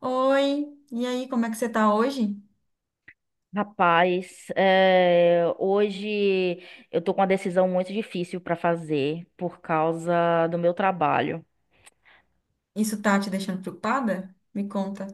Oi, e aí, como é que você tá hoje? Rapaz, hoje eu tô com uma decisão muito difícil para fazer por causa do meu trabalho. Isso tá te deixando preocupada? Me conta.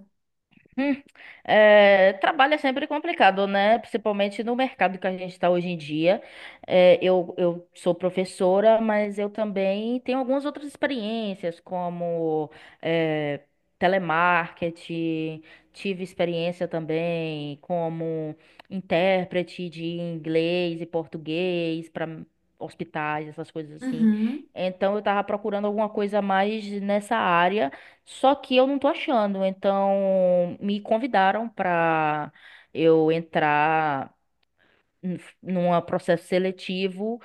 Hum, Trabalho é sempre complicado, né? Principalmente no mercado que a gente está hoje em dia. Eu sou professora, mas eu também tenho algumas outras experiências, como é, telemarketing, tive experiência também como intérprete de inglês e português para hospitais, essas coisas assim. Uhum. Então eu estava procurando alguma coisa mais nessa área. Só que eu não tô achando, então me convidaram pra eu entrar num processo seletivo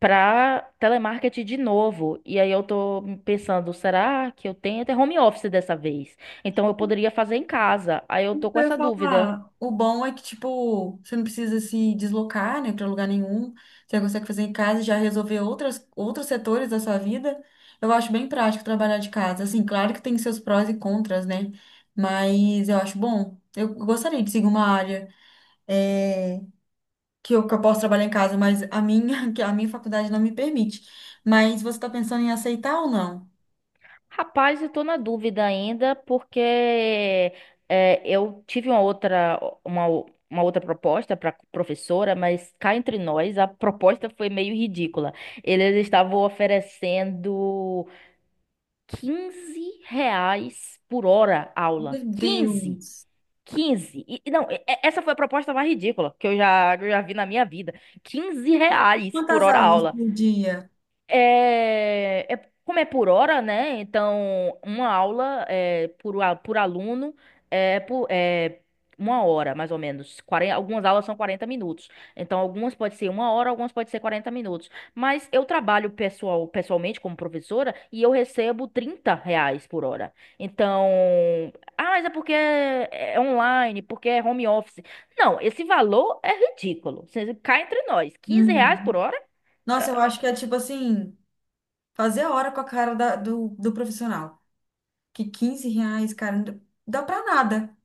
pra telemarketing de novo. E aí eu tô pensando, será que eu tenho até home office dessa vez? Então eu poderia fazer em casa. Aí eu Isso tô que com eu ia essa dúvida. falar, o bom é que, tipo, você não precisa se deslocar, né, para lugar nenhum. Você consegue fazer em casa e já resolver outros setores da sua vida. Eu acho bem prático trabalhar de casa. Assim, claro que tem seus prós e contras, né? Mas eu acho bom. Eu gostaria de seguir uma área, eh, que eu posso trabalhar em casa, mas a minha, que a minha faculdade não me permite. Mas você está pensando em aceitar ou não? Rapaz, eu tô na dúvida ainda, porque eu tive uma outra proposta para professora, mas cá entre nós, a proposta foi meio ridícula. Eles estavam oferecendo R$ 15 por hora aula. Meu 15, Deus! 15. E não, essa foi a proposta mais ridícula que que eu já vi na minha vida. R$ 15 por Quantas hora aulas aula. por dia? Como é por hora, né? Então, uma aula é, por aluno, é uma hora, mais ou menos. 40, algumas aulas são 40 minutos. Então, algumas pode ser uma hora, algumas pode ser 40 minutos. Mas eu trabalho pessoalmente como professora e eu recebo R$ 30 por hora. Então, mas é porque é online, porque é home office. Não, esse valor é ridículo. Você cai entre nós. R$ 15 por Uhum. hora? Nossa, eu acho que é tipo assim, fazer hora com a do profissional. Que 15 reais, cara, não dá pra nada.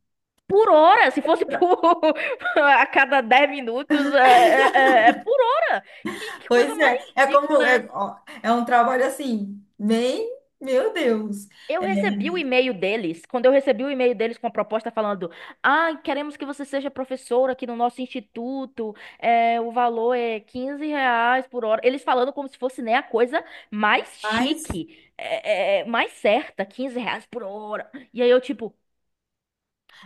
Por hora, se fosse por a cada 10 minutos, é por hora. Que coisa Pois é, mais é como, ridícula é é, essa? ó, é um trabalho assim, bem, meu Deus. Eu É, recebi o e-mail deles, quando eu recebi o e-mail deles com a proposta falando: queremos que você seja professora aqui no nosso instituto, o valor é R$ 15 por hora. Eles falando como se fosse né, a coisa mais mas chique, mais certa, R$ 15 por hora. E aí eu, tipo,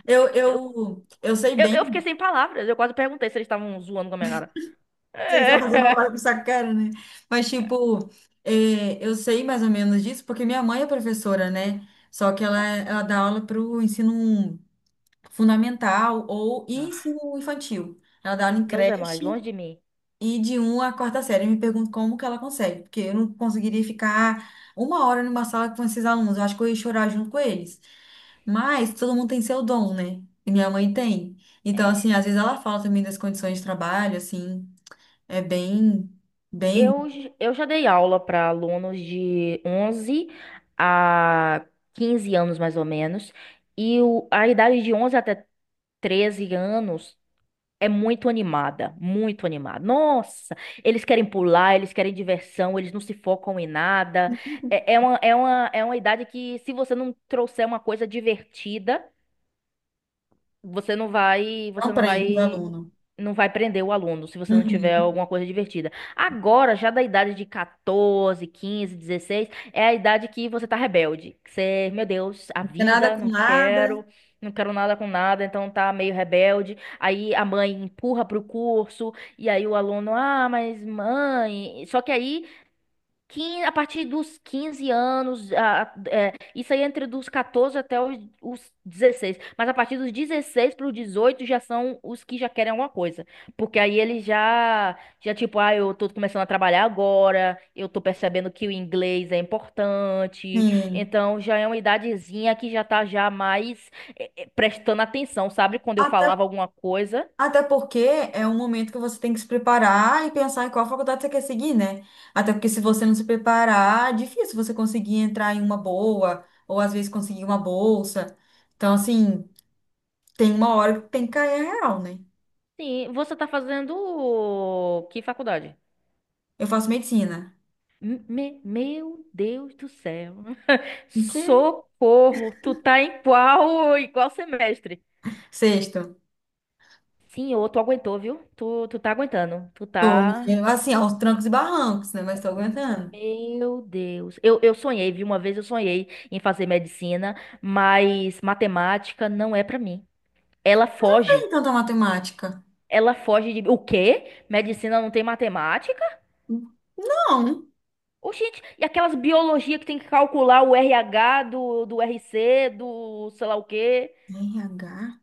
eu, eu sei eu fiquei bem. sem palavras, eu quase perguntei se eles estavam zoando com a minha cara. Vocês estão fazendo hora É. com essa cara, né? Mas, tipo, é, eu sei mais ou menos disso porque minha mãe é professora, né? Só que ela dá aula para o ensino fundamental ou e Ah, ensino infantil. Ela dá aula em Deus é mais, creche longe de mim. e de um à quarta série. Eu me pergunto como que ela consegue, porque eu não conseguiria ficar uma hora numa sala com esses alunos. Eu acho que eu ia chorar junto com eles. Mas todo mundo tem seu dom, né? E minha mãe tem. Então, assim, É, às vezes ela fala também das condições de trabalho, assim. É bem, bem eu já dei aula para alunos de 11 a 15 anos, mais ou menos, e a idade de 11 até 13 anos é muito animada, muito animada. Nossa, eles querem pular, eles querem diversão, eles não se focam em nada. É uma idade que, se você não trouxer uma coisa divertida, você não próprio o vai, aluno. não vai prender o aluno se você não tiver Uhum. alguma coisa divertida. Agora, já da idade de 14, 15, 16 é a idade que você tá rebelde. Meu Deus, a Não tem nada vida, com nada. Não quero nada com nada, então tá meio rebelde. Aí a mãe empurra pro curso, e aí o aluno, ah, mas mãe. Só que aí a partir dos 15 anos, isso aí é entre dos 14 até os 16. Mas a partir dos 16 para os 18 já são os que já querem alguma coisa. Porque aí eles já tipo, ah, eu tô começando a trabalhar agora, eu tô percebendo que o inglês é importante. Sim. Então já é uma idadezinha que já tá já mais prestando atenção, sabe? Quando eu Até, falava alguma coisa. até porque é um momento que você tem que se preparar e pensar em qual faculdade você quer seguir, né? Até porque se você não se preparar, é difícil você conseguir entrar em uma boa, ou às vezes conseguir uma bolsa. Então, assim, tem uma hora que tem que cair a real, né? Sim, você tá fazendo que faculdade? Eu faço medicina. Meu Deus do céu. O Que? Socorro! Tu tá em qual semestre? Sexto. Senhor, tu aguentou, viu? Tu tá aguentando. Tu Tô, tá. eu, assim, aos trancos e barrancos, né? Mas tô aguentando. Meu Deus. Eu sonhei, viu? Uma vez eu sonhei em fazer medicina, mas matemática não é pra mim. Ela Não tem foge. tanta matemática. Ela foge de. O quê? Medicina não tem matemática? Não. Oxente, e aquelas biologia que tem que calcular o RH do RC, do sei lá o quê? RH?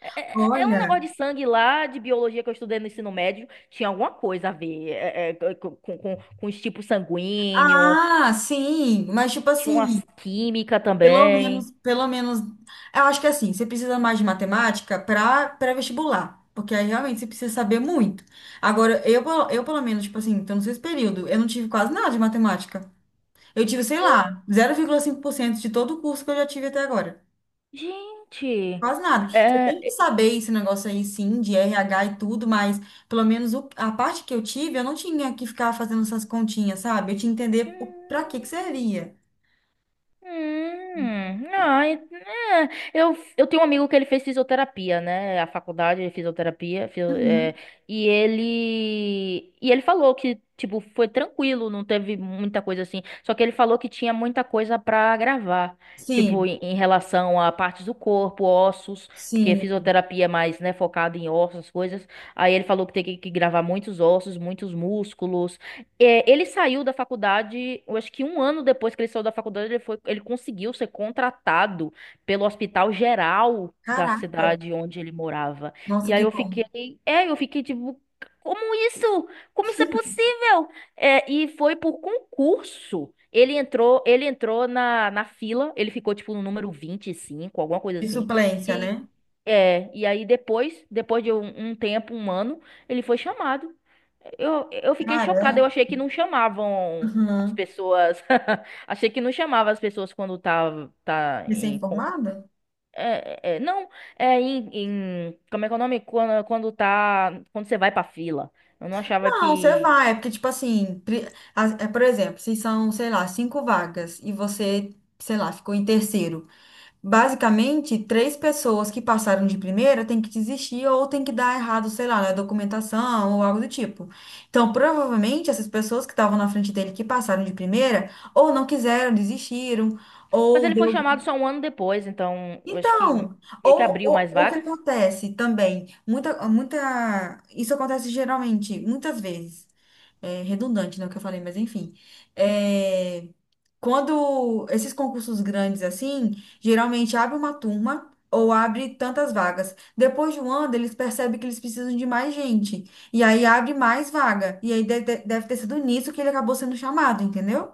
É um negócio Olha, de sangue lá, de biologia que eu estudei no ensino médio, tinha alguma coisa a ver com os tipos sanguíneos, ah, sim, mas tipo tinha assim, umas química também. Pelo menos, eu acho que assim, você precisa mais de matemática para pré-vestibular, porque aí realmente você precisa saber muito. Agora, eu pelo menos, tipo assim, então nesse período, eu não tive quase nada de matemática. Eu tive, sei lá, 0,5% de todo o curso que eu já tive até agora. Gente, Quase nada. Você tem que é, saber esse negócio aí, sim, de RH e tudo, mas pelo menos o- a parte que eu tive, eu não tinha que ficar fazendo essas continhas, sabe? Eu tinha que entender o- pra hum. que que servia. Hum, ah, e- eu tenho um amigo que ele fez fisioterapia, né? A faculdade de fisioterapia, Uhum. e ele falou que tipo foi tranquilo, não teve muita coisa assim. Só que ele falou que tinha muita coisa pra gravar, tipo Sim, em relação a partes do corpo, ossos, porque sim. fisioterapia é mais, né, focada em ossos, essas coisas. Aí ele falou que tem que gravar muitos ossos, muitos músculos. Ele saiu da faculdade, eu acho que um ano depois que ele saiu da faculdade, ele conseguiu ser contratado pelo Hospital Geral da Caraca. cidade onde ele morava. Nossa, E aí que bom. Eu fiquei tipo, como isso? Como isso é possível? E foi por concurso. Ele entrou na fila, ele ficou tipo no número 25, alguma coisa De assim. suplência, E, né? e aí depois de um tempo, um ano, ele foi chamado. Eu fiquei chocada, eu Cara, achei que não chamavam as uhum. pessoas. Achei que não chamava as pessoas quando tá em. Recém-formada? Não, é em. Como é que é o nome? Quando, quando tá. Quando você vai pra fila. Eu não achava Não, você que. vai. É porque, tipo assim, pri- a- é, por exemplo, se são, sei lá, cinco vagas e você, sei lá, ficou em terceiro. Basicamente, três pessoas que passaram de primeira têm que desistir ou têm que dar errado, sei lá, na documentação ou algo do tipo. Então, provavelmente, essas pessoas que estavam na frente dele que passaram de primeira ou não quiseram, desistiram, Mas ou ele foi deu chamado só um ano depois, então eu acho que então, meio que abriu mais ou o que vagas. acontece também, isso acontece geralmente, muitas vezes, é redundante, né, o que eu falei, mas enfim, é, quando esses concursos grandes assim, geralmente abre uma turma ou abre tantas vagas, depois de um ano eles percebem que eles precisam de mais gente, e aí abre mais vaga, e aí deve ter sido nisso que ele acabou sendo chamado, entendeu?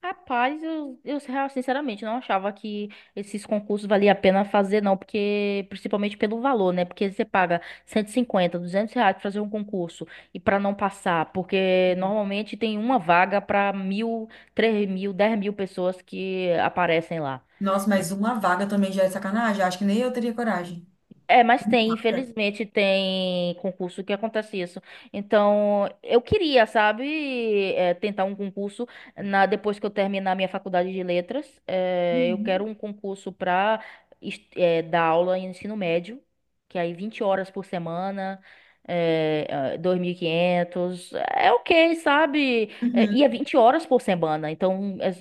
Rapaz, eu sinceramente não achava que esses concursos valia a pena fazer, não, porque principalmente pelo valor, né? Porque você paga 150 R$ 200 pra fazer um concurso e pra não passar, porque Uhum. normalmente tem uma vaga pra 1.000, 3.000, 10.000 pessoas que aparecem lá. Nossa, mas uma vaga também já é sacanagem, acho que nem eu teria coragem. Mas tem, infelizmente, tem concurso que acontece isso. Então, eu queria, sabe, tentar um concurso na depois que eu terminar minha faculdade de letras. Eu quero Uhum, um concurso para dar aula em ensino médio, que é aí 20 horas por semana, é, 2.500, é ok, sabe? Uhum. E é 20 horas por semana, então é,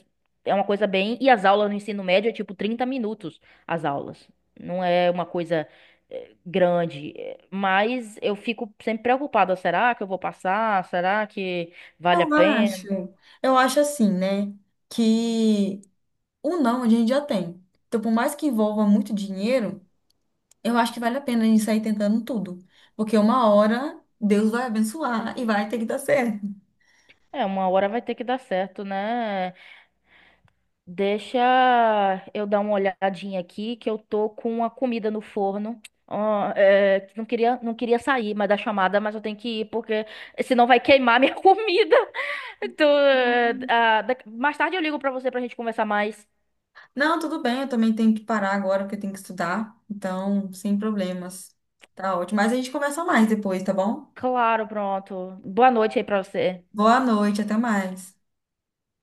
é uma coisa bem... E as aulas no ensino médio é tipo 30 minutos, as aulas. Não é uma coisa grande, mas eu fico sempre preocupada, será que eu vou passar? Será que vale a Eu acho, pena? eu acho assim, né, que o não a gente já tem. Então, por mais que envolva muito dinheiro, eu acho que vale a pena a gente sair tentando tudo. Porque uma hora Deus vai abençoar e vai ter que dar certo. Uma hora vai ter que dar certo, né? Deixa eu dar uma olhadinha aqui que eu tô com uma comida no forno. Ó, não queria sair, mas da chamada, mas eu tenho que ir porque senão vai queimar minha comida. Então, mais tarde eu ligo pra você pra gente conversar mais. Não, tudo bem, eu também tenho que parar agora porque eu tenho que estudar. Então, sem problemas. Tá ótimo. Mas a gente conversa mais depois, tá bom? Claro, pronto. Boa noite aí pra você. Boa noite, até mais.